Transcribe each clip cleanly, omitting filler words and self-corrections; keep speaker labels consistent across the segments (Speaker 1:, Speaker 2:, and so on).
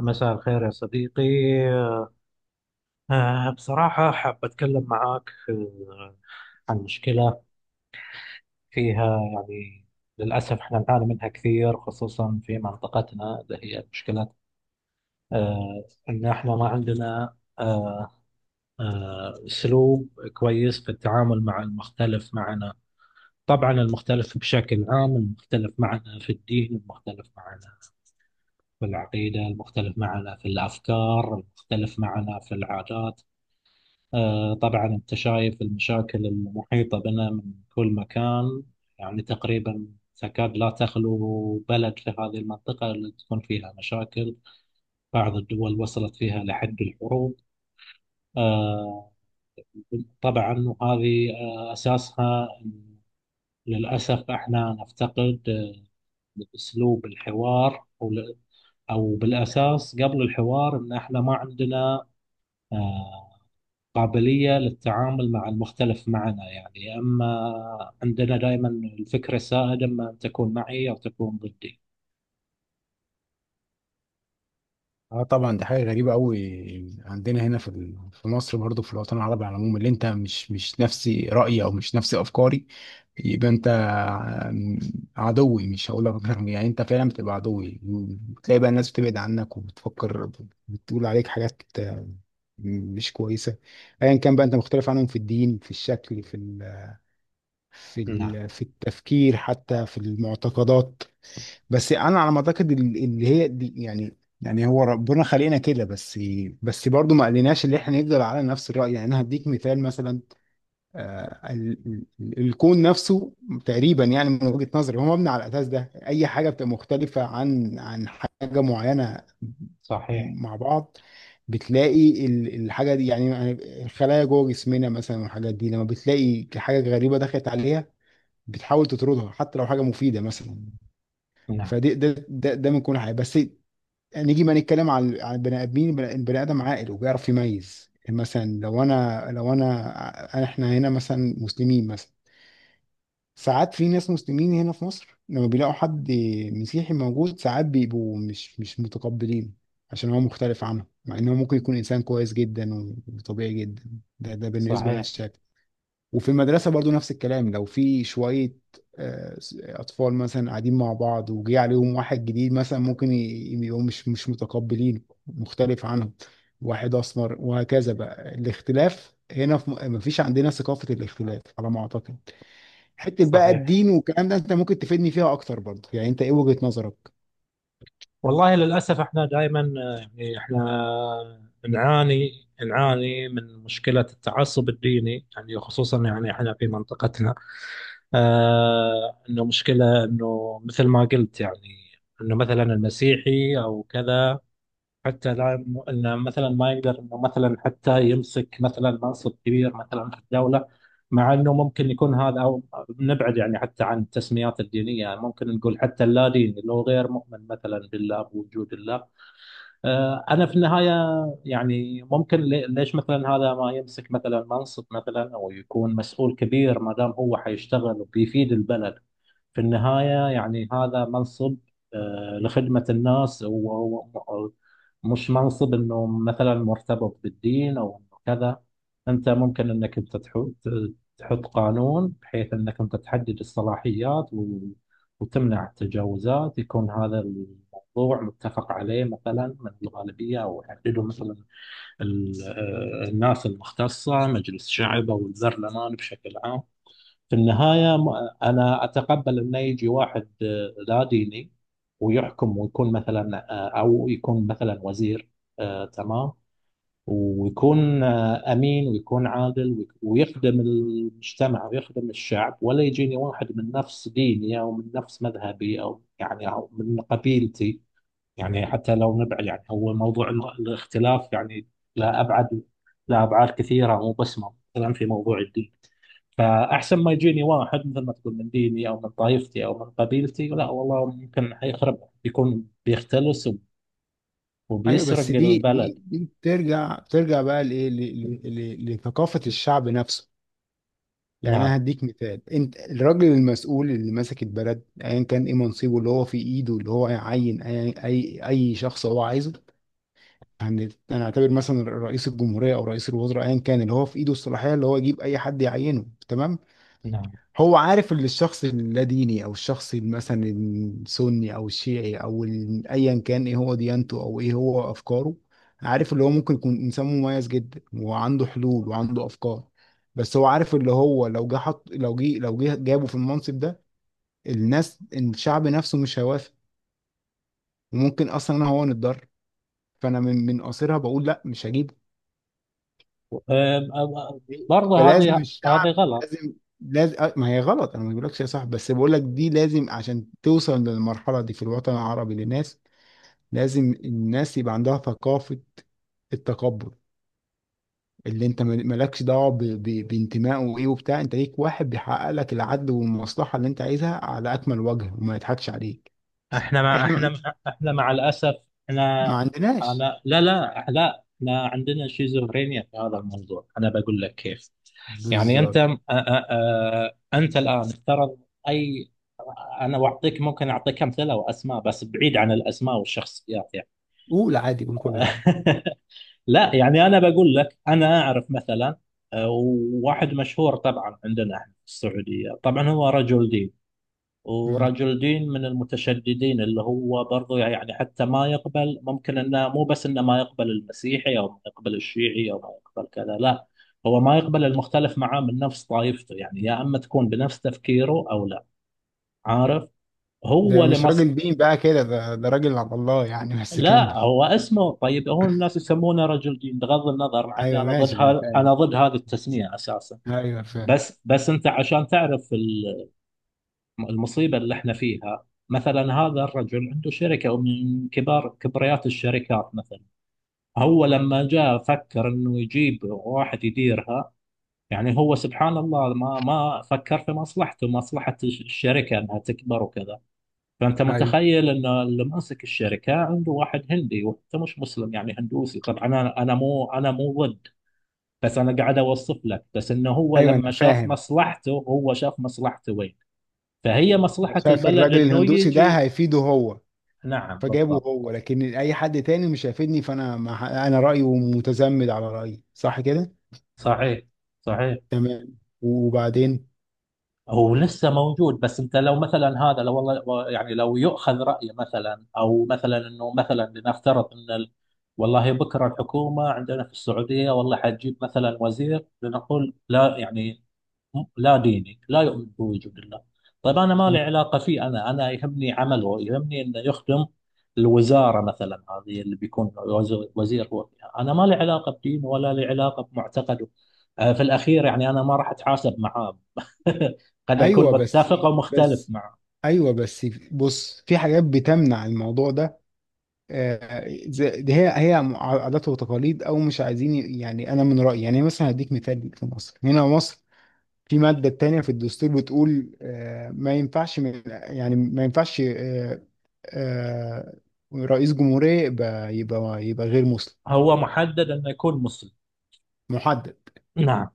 Speaker 1: مساء الخير يا صديقي. بصراحة حاب أتكلم معاك عن مشكلة فيها، يعني للأسف إحنا نعاني منها كثير، خصوصا في منطقتنا، اللي هي مشكلة إن إحنا ما عندنا أسلوب كويس في التعامل مع المختلف معنا. طبعا المختلف بشكل عام، المختلف معنا في الدين، المختلف معنا في العقيدة، المختلف معنا في الأفكار، المختلف معنا في العادات. طبعا أنت شايف المشاكل المحيطة بنا من كل مكان. يعني تقريبا تكاد لا تخلو بلد في هذه المنطقة اللي تكون فيها مشاكل. بعض الدول وصلت فيها لحد الحروب. آه، طبعا، وهذه أساسها إن للأسف احنا نفتقد أسلوب الحوار، أو بالأساس قبل الحوار، إن احنا ما عندنا قابلية للتعامل مع المختلف معنا. يعني أما عندنا دائما الفكرة السائدة، إما أن تكون معي أو تكون ضدي.
Speaker 2: اه طبعا دي حاجه غريبه قوي عندنا هنا في مصر برضه في الوطن العربي على العموم اللي انت مش نفسي رايي او مش نفسي افكاري يبقى عدوي مش هقول لك يعني انت فعلا بتبقى عدوي، بتلاقي بقى الناس بتبعد عنك وبتفكر، بتقول عليك حاجات مش كويسه. ايا كان بقى انت مختلف عنهم في الدين في الشكل
Speaker 1: نعم.
Speaker 2: في التفكير حتى في المعتقدات. بس انا على ما اعتقد اللي هي دي يعني هو ربنا خلقنا كده. بس بس برضه ما قالناش اللي احنا نفضل على نفس الرأي. يعني انا هديك مثال مثلا، الكون نفسه تقريبا، يعني من وجهة نظري، هو مبني على الاساس ده. اي حاجة بتبقى مختلفة عن حاجة معينة
Speaker 1: صحيح.
Speaker 2: مع بعض، بتلاقي الحاجة دي يعني، الخلايا جوه جسمنا مثلا والحاجات دي، لما بتلاقي حاجة غريبة دخلت عليها بتحاول تطردها حتى لو حاجة مفيدة مثلا.
Speaker 1: نعم.
Speaker 2: فدي ده من كل حاجه. بس نيجي ما نتكلم عن البني ادمين. البني ادم عاقل وبيعرف يميز. يعني مثلا لو انا، احنا هنا مثلا مسلمين مثلا، ساعات في ناس مسلمين هنا في مصر لما بيلاقوا حد مسيحي موجود ساعات بيبقوا مش متقبلين عشان هو مختلف عنهم، مع انه ممكن يكون انسان كويس جدا وطبيعي جدا. ده ده بالنسبه لنا
Speaker 1: صحيح.
Speaker 2: الشايف. وفي المدرسة برضو نفس الكلام، لو في شوية آه، أطفال مثلا قاعدين مع بعض وجي عليهم واحد جديد مثلا، ممكن يبقوا مش متقبلين مختلف عنهم، واحد أسمر وهكذا. بقى الاختلاف هنا في مفيش عندنا ثقافة الاختلاف على ما أعتقد. حتة بقى
Speaker 1: صحيح.
Speaker 2: الدين والكلام ده أنت ممكن تفيدني فيها أكتر برضو، يعني أنت إيه وجهة نظرك؟
Speaker 1: والله للأسف إحنا دائما، يعني إحنا نعاني من مشكلة التعصب الديني، يعني خصوصا، يعني إحنا في منطقتنا إنه مشكلة، إنه مثل ما قلت، يعني إنه مثلا المسيحي أو كذا، حتى لا، انه مثلا ما يقدر انه مثلا حتى يمسك مثلا منصب كبير مثلا في الدوله، مع انه ممكن يكون هذا، او نبعد يعني حتى عن التسميات الدينيه، يعني ممكن نقول حتى اللا دين، اللي هو غير مؤمن مثلا بالله، بوجود الله. انا في النهايه يعني ممكن، ليش مثلا هذا ما يمسك مثلا منصب مثلا، او يكون مسؤول كبير، ما دام هو حيشتغل وبيفيد البلد. في النهايه يعني هذا منصب لخدمه الناس، وهو مش منصب انه مثلا مرتبط بالدين، او إنه كذا. انت ممكن انك انت تحط قانون، بحيث انك انت تحدد الصلاحيات وتمنع التجاوزات، يكون هذا موضوع متفق عليه مثلا من الغالبية، أو يحدده مثلا الناس المختصة، مجلس الشعب أو البرلمان بشكل عام. في النهاية أنا أتقبل أن يجي واحد لا ديني، ويحكم، ويكون مثلا أو يكون مثلا وزير، تمام، ويكون أمين، ويكون عادل، ويخدم المجتمع ويخدم الشعب، ولا يجيني واحد من نفس ديني، أو من نفس مذهبي، أو يعني أو من قبيلتي. يعني حتى لو نبعد، يعني هو موضوع الاختلاف، يعني لا، أبعد، لا، أبعاد كثيرة، مو بس مثلا في موضوع الدين. فأحسن ما يجيني واحد مثل ما تقول من ديني، أو من طائفتي، أو من قبيلتي، لا والله، ممكن حيخرب، بيكون بيختلس
Speaker 2: أيوه،
Speaker 1: وبيسرق
Speaker 2: بس دي
Speaker 1: البلد.
Speaker 2: دي دي بترجع بقى لإيه، ل- لثقافة الشعب نفسه. يعني
Speaker 1: نعم.
Speaker 2: انا هديك مثال، انت الراجل المسؤول اللي ماسك البلد ايا كان ايه منصبه، اللي هو في ايده اللي هو يعين اي شخص هو عايزه. يعني انا اعتبر مثلا رئيس الجمهوريه او رئيس الوزراء ايا كان، اللي هو في ايده الصلاحيه اللي هو يجيب اي حد يعينه، تمام.
Speaker 1: نعم.
Speaker 2: هو عارف ان الشخص اللاديني او الشخص مثلا السني او الشيعي ايا كان ايه هو ديانته او ايه هو افكاره، عارف اللي هو ممكن يكون انسان مميز جدا وعنده حلول وعنده افكار، بس هو عارف اللي هو لو جه حط لو جه لو جه جابه في المنصب ده، الناس الشعب نفسه مش هيوافق، وممكن اصلا انا هو نتضرر. فانا من قصرها بقول لا، مش هجيب.
Speaker 1: أم- أم- برضه
Speaker 2: فلازم
Speaker 1: هذه
Speaker 2: الشعب
Speaker 1: غلط.
Speaker 2: لازم، لازم ما هي غلط. انا ما بقولكش يا صاحبي، بس بقولك دي لازم عشان توصل للمرحله دي في الوطن العربي للناس. لازم الناس يبقى عندها ثقافه التقبل، اللي انت مالكش دعوه بانتمائه وايه وبتاع. انت ليك واحد بيحقق لك العدل والمصلحه اللي انت عايزها على اكمل وجه، وما يضحكش عليك.
Speaker 1: احنا مع
Speaker 2: احنا
Speaker 1: احنا مع احنا مع الاسف. احنا.
Speaker 2: ما عندناش.
Speaker 1: انا، لا، لا، لا، احنا عندنا شيزوفرينيا في هذا الموضوع، انا بقول لك كيف. يعني انت،
Speaker 2: بالظبط.
Speaker 1: انت الان افترض، اي، انا ممكن اعطيك امثله واسماء، بس بعيد عن الاسماء والشخصيات يعني.
Speaker 2: قول عادي، قول كل حاجه.
Speaker 1: لا يعني، انا بقول لك، انا اعرف مثلا وواحد مشهور طبعا عندنا احنا في السعوديه، طبعا هو رجل دين،
Speaker 2: مم.
Speaker 1: ورجل دين من المتشددين، اللي هو برضو يعني حتى ما يقبل، ممكن انه مو بس انه ما يقبل المسيحي، او ما يقبل الشيعي، او ما يقبل كذا، لا، هو ما يقبل المختلف معاه من نفس طائفته، يعني يا اما تكون بنفس تفكيره او لا. عارف.
Speaker 2: ده
Speaker 1: هو
Speaker 2: مش
Speaker 1: لمس.
Speaker 2: راجل دين بقى كده، ده ده راجل على الله يعني، بس
Speaker 1: لا،
Speaker 2: كمل.
Speaker 1: هو اسمه، طيب هو الناس يسمونه رجل دين، بغض النظر، مع اني
Speaker 2: ايوه
Speaker 1: انا ضد،
Speaker 2: ماشي انا فاهم.
Speaker 1: انا ضد هذه التسميه اساسا.
Speaker 2: ايوه فاهم.
Speaker 1: بس انت عشان تعرف المصيبة اللي احنا فيها. مثلا هذا الرجل عنده شركة من كبار كبريات الشركات مثلا. هو لما جاء فكر انه يجيب واحد يديرها. يعني هو سبحان الله ما فكر في مصلحته، مصلحة الشركة، انها تكبر وكذا. فانت
Speaker 2: ايوه
Speaker 1: متخيل ان اللي ماسك الشركة عنده واحد هندي، وانت مش مسلم يعني هندوسي. طبعا انا، انا مو ضد، بس انا قاعد اوصف لك، بس انه هو
Speaker 2: ايوه
Speaker 1: لما
Speaker 2: انا
Speaker 1: شاف
Speaker 2: فاهم.
Speaker 1: مصلحته، هو شاف مصلحته وين. فهي مصلحة
Speaker 2: شايف
Speaker 1: البلد
Speaker 2: الراجل
Speaker 1: انه
Speaker 2: الهندوسي ده
Speaker 1: يجي.
Speaker 2: هيفيده هو،
Speaker 1: نعم
Speaker 2: فجابه
Speaker 1: بالضبط.
Speaker 2: هو. لكن اي حد تاني مش هيفيدني، فانا ما انا رايي ومتزمد على رايي، صح كده؟
Speaker 1: صحيح. صحيح.
Speaker 2: تمام، وبعدين.
Speaker 1: هو لسه موجود، بس انت لو مثلا هذا، لو والله يعني، لو يؤخذ رأيه مثلا، او مثلا انه مثلا لنفترض ان والله بكره الحكومه عندنا في السعوديه، والله حتجيب مثلا وزير، لنقول لا يعني، لا ديني، لا يؤمن بوجود الله. طيب أنا ما
Speaker 2: مم.
Speaker 1: لي علاقة فيه، أنا يهمني عمله، يهمني أنه يخدم الوزارة مثلا، هذه اللي بيكون وزير هو فيها. أنا ما لي علاقة بدينه، ولا لي علاقة بمعتقده. في الأخير يعني أنا ما راح أتحاسب معاه. قد أكون
Speaker 2: ايوه بس
Speaker 1: متفق أو مختلف
Speaker 2: بس
Speaker 1: معه.
Speaker 2: ايوه بس بص، في حاجات بتمنع الموضوع ده، دي هي عادات وتقاليد، او مش عايزين. يعني انا من رايي يعني، مثلا هديك مثال في مصر. هنا مصر في مادة تانية في الدستور بتقول ما ينفعش من، يعني ما ينفعش، آه، رئيس جمهورية يبقى غير مسلم.
Speaker 1: هو محدد أنه يكون مسلم.
Speaker 2: محدد.
Speaker 1: نعم.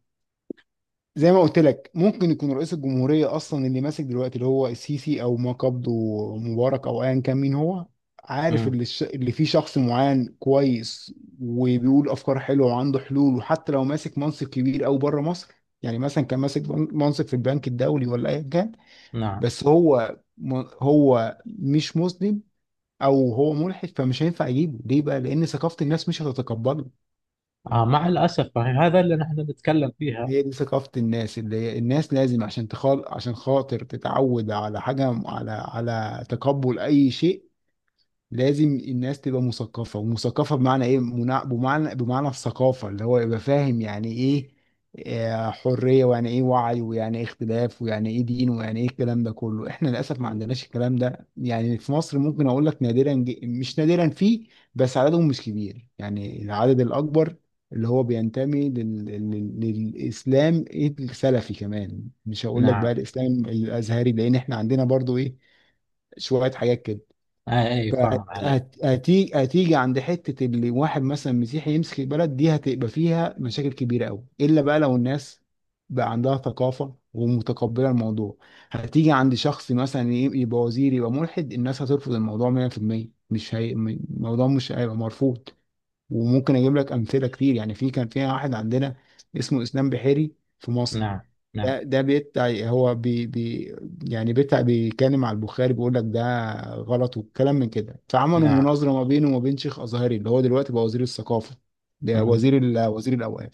Speaker 2: زي ما قلت لك، ممكن يكون رئيس الجمهورية أصلا اللي ماسك دلوقتي اللي هو السيسي، أو ما قبضه مبارك أو أيا كان مين هو، عارف
Speaker 1: مم.
Speaker 2: اللي فيه شخص معين كويس وبيقول أفكار حلوة وعنده حلول، وحتى لو ماسك منصب كبير أو بره مصر، يعني مثلا كان ماسك منصب في البنك الدولي ولا أيا كان،
Speaker 1: نعم.
Speaker 2: بس هو هو مش مسلم او هو ملحد، فمش هينفع اجيبه. ليه بقى؟ لان ثقافه الناس مش هتتقبله.
Speaker 1: آه، مع الأسف، هذا اللي نحن نتكلم فيها.
Speaker 2: هي دي ثقافه الناس، اللي هي الناس لازم عشان تخال عشان خاطر تتعود على حاجه، على تقبل اي شيء، لازم الناس تبقى مثقفة. ومثقفة بمعنى ايه؟ بمعنى الثقافة اللي هو يبقى فاهم يعني ايه حرية، ويعني ايه وعي، ويعني ايه اختلاف، ويعني ايه دين، ويعني ايه. الكلام ده كله احنا للأسف ما عندناش الكلام ده. يعني في مصر ممكن اقول لك نادرا، ج- مش نادرا، فيه، بس عددهم مش كبير. يعني العدد الأكبر اللي هو بينتمي للإسلام السلفي كمان، مش هقول لك بقى
Speaker 1: نعم.
Speaker 2: الإسلام الأزهري لأن احنا عندنا برضو ايه شوية حاجات كده.
Speaker 1: آه، أي فاهم عليك.
Speaker 2: فهتيجي عند حته اللي واحد مثلا مسيحي يمسك البلد، دي هتبقى فيها مشاكل كبيره قوي، الا بقى لو الناس بقى عندها ثقافه ومتقبله الموضوع. هتيجي عند شخص مثلا يبقى وزير يبقى ملحد، الناس هترفض الموضوع 100%. مش هي... م- الموضوع مش هيبقى مرفوض. وممكن اجيب لك امثله كتير. يعني في كان فيها واحد عندنا اسمه اسلام بحيري في مصر،
Speaker 1: نعم. نعم.
Speaker 2: ده ده بيتع هو بي بي يعني بيتع بيكلم على البخاري، بيقول لك ده غلط والكلام من كده، فعملوا
Speaker 1: نعم.
Speaker 2: مناظره ما بينه وما بين شيخ ازهري اللي هو دلوقتي بقى وزير الثقافه، ده
Speaker 1: مم.
Speaker 2: وزير وزير الاوقاف.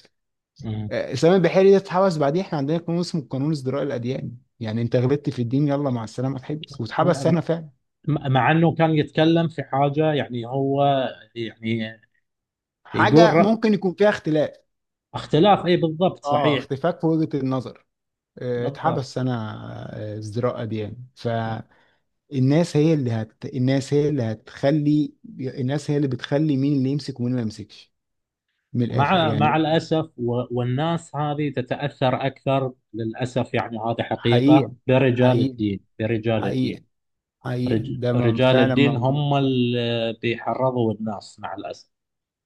Speaker 1: مم.
Speaker 2: سامي البحيري ده اتحبس بعديه. احنا عندنا قانون اسمه قانون ازدراء الاديان، يعني انت غلطت في الدين، يلا مع السلامه اتحبس، واتحبس سنه فعلا.
Speaker 1: م- مع انه كان يتكلم في حاجه، يعني هو يعني يقول
Speaker 2: حاجه
Speaker 1: ر-
Speaker 2: ممكن يكون فيها اختلاف.
Speaker 1: اختلاف، اي بالضبط،
Speaker 2: اه،
Speaker 1: صحيح.
Speaker 2: اختفاء في وجهه النظر،
Speaker 1: بالضبط.
Speaker 2: اتحبس سنه، ازدراء اديان. ف الناس هي الناس هي اللي هتخلي، الناس هي اللي بتخلي مين اللي يمسك ومين ما يمسكش، من الآخر
Speaker 1: مع
Speaker 2: يعني.
Speaker 1: الاسف. والناس هذه تتاثر اكثر للاسف. يعني هذه
Speaker 2: حقيقة،
Speaker 1: حقيقه، برجال
Speaker 2: حقيقة،
Speaker 1: الدين،
Speaker 2: حقيقة.
Speaker 1: رجال
Speaker 2: فعلا
Speaker 1: الدين
Speaker 2: موجود.
Speaker 1: هم اللي بيحرضوا الناس مع الاسف.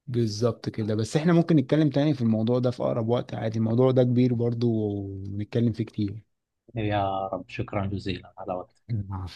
Speaker 2: بالظبط كده. بس احنا ممكن نتكلم تاني في الموضوع ده في أقرب وقت عادي، الموضوع ده كبير برضو ونتكلم فيه كتير.
Speaker 1: يا رب، شكرا جزيلا على وقتك.
Speaker 2: العفو.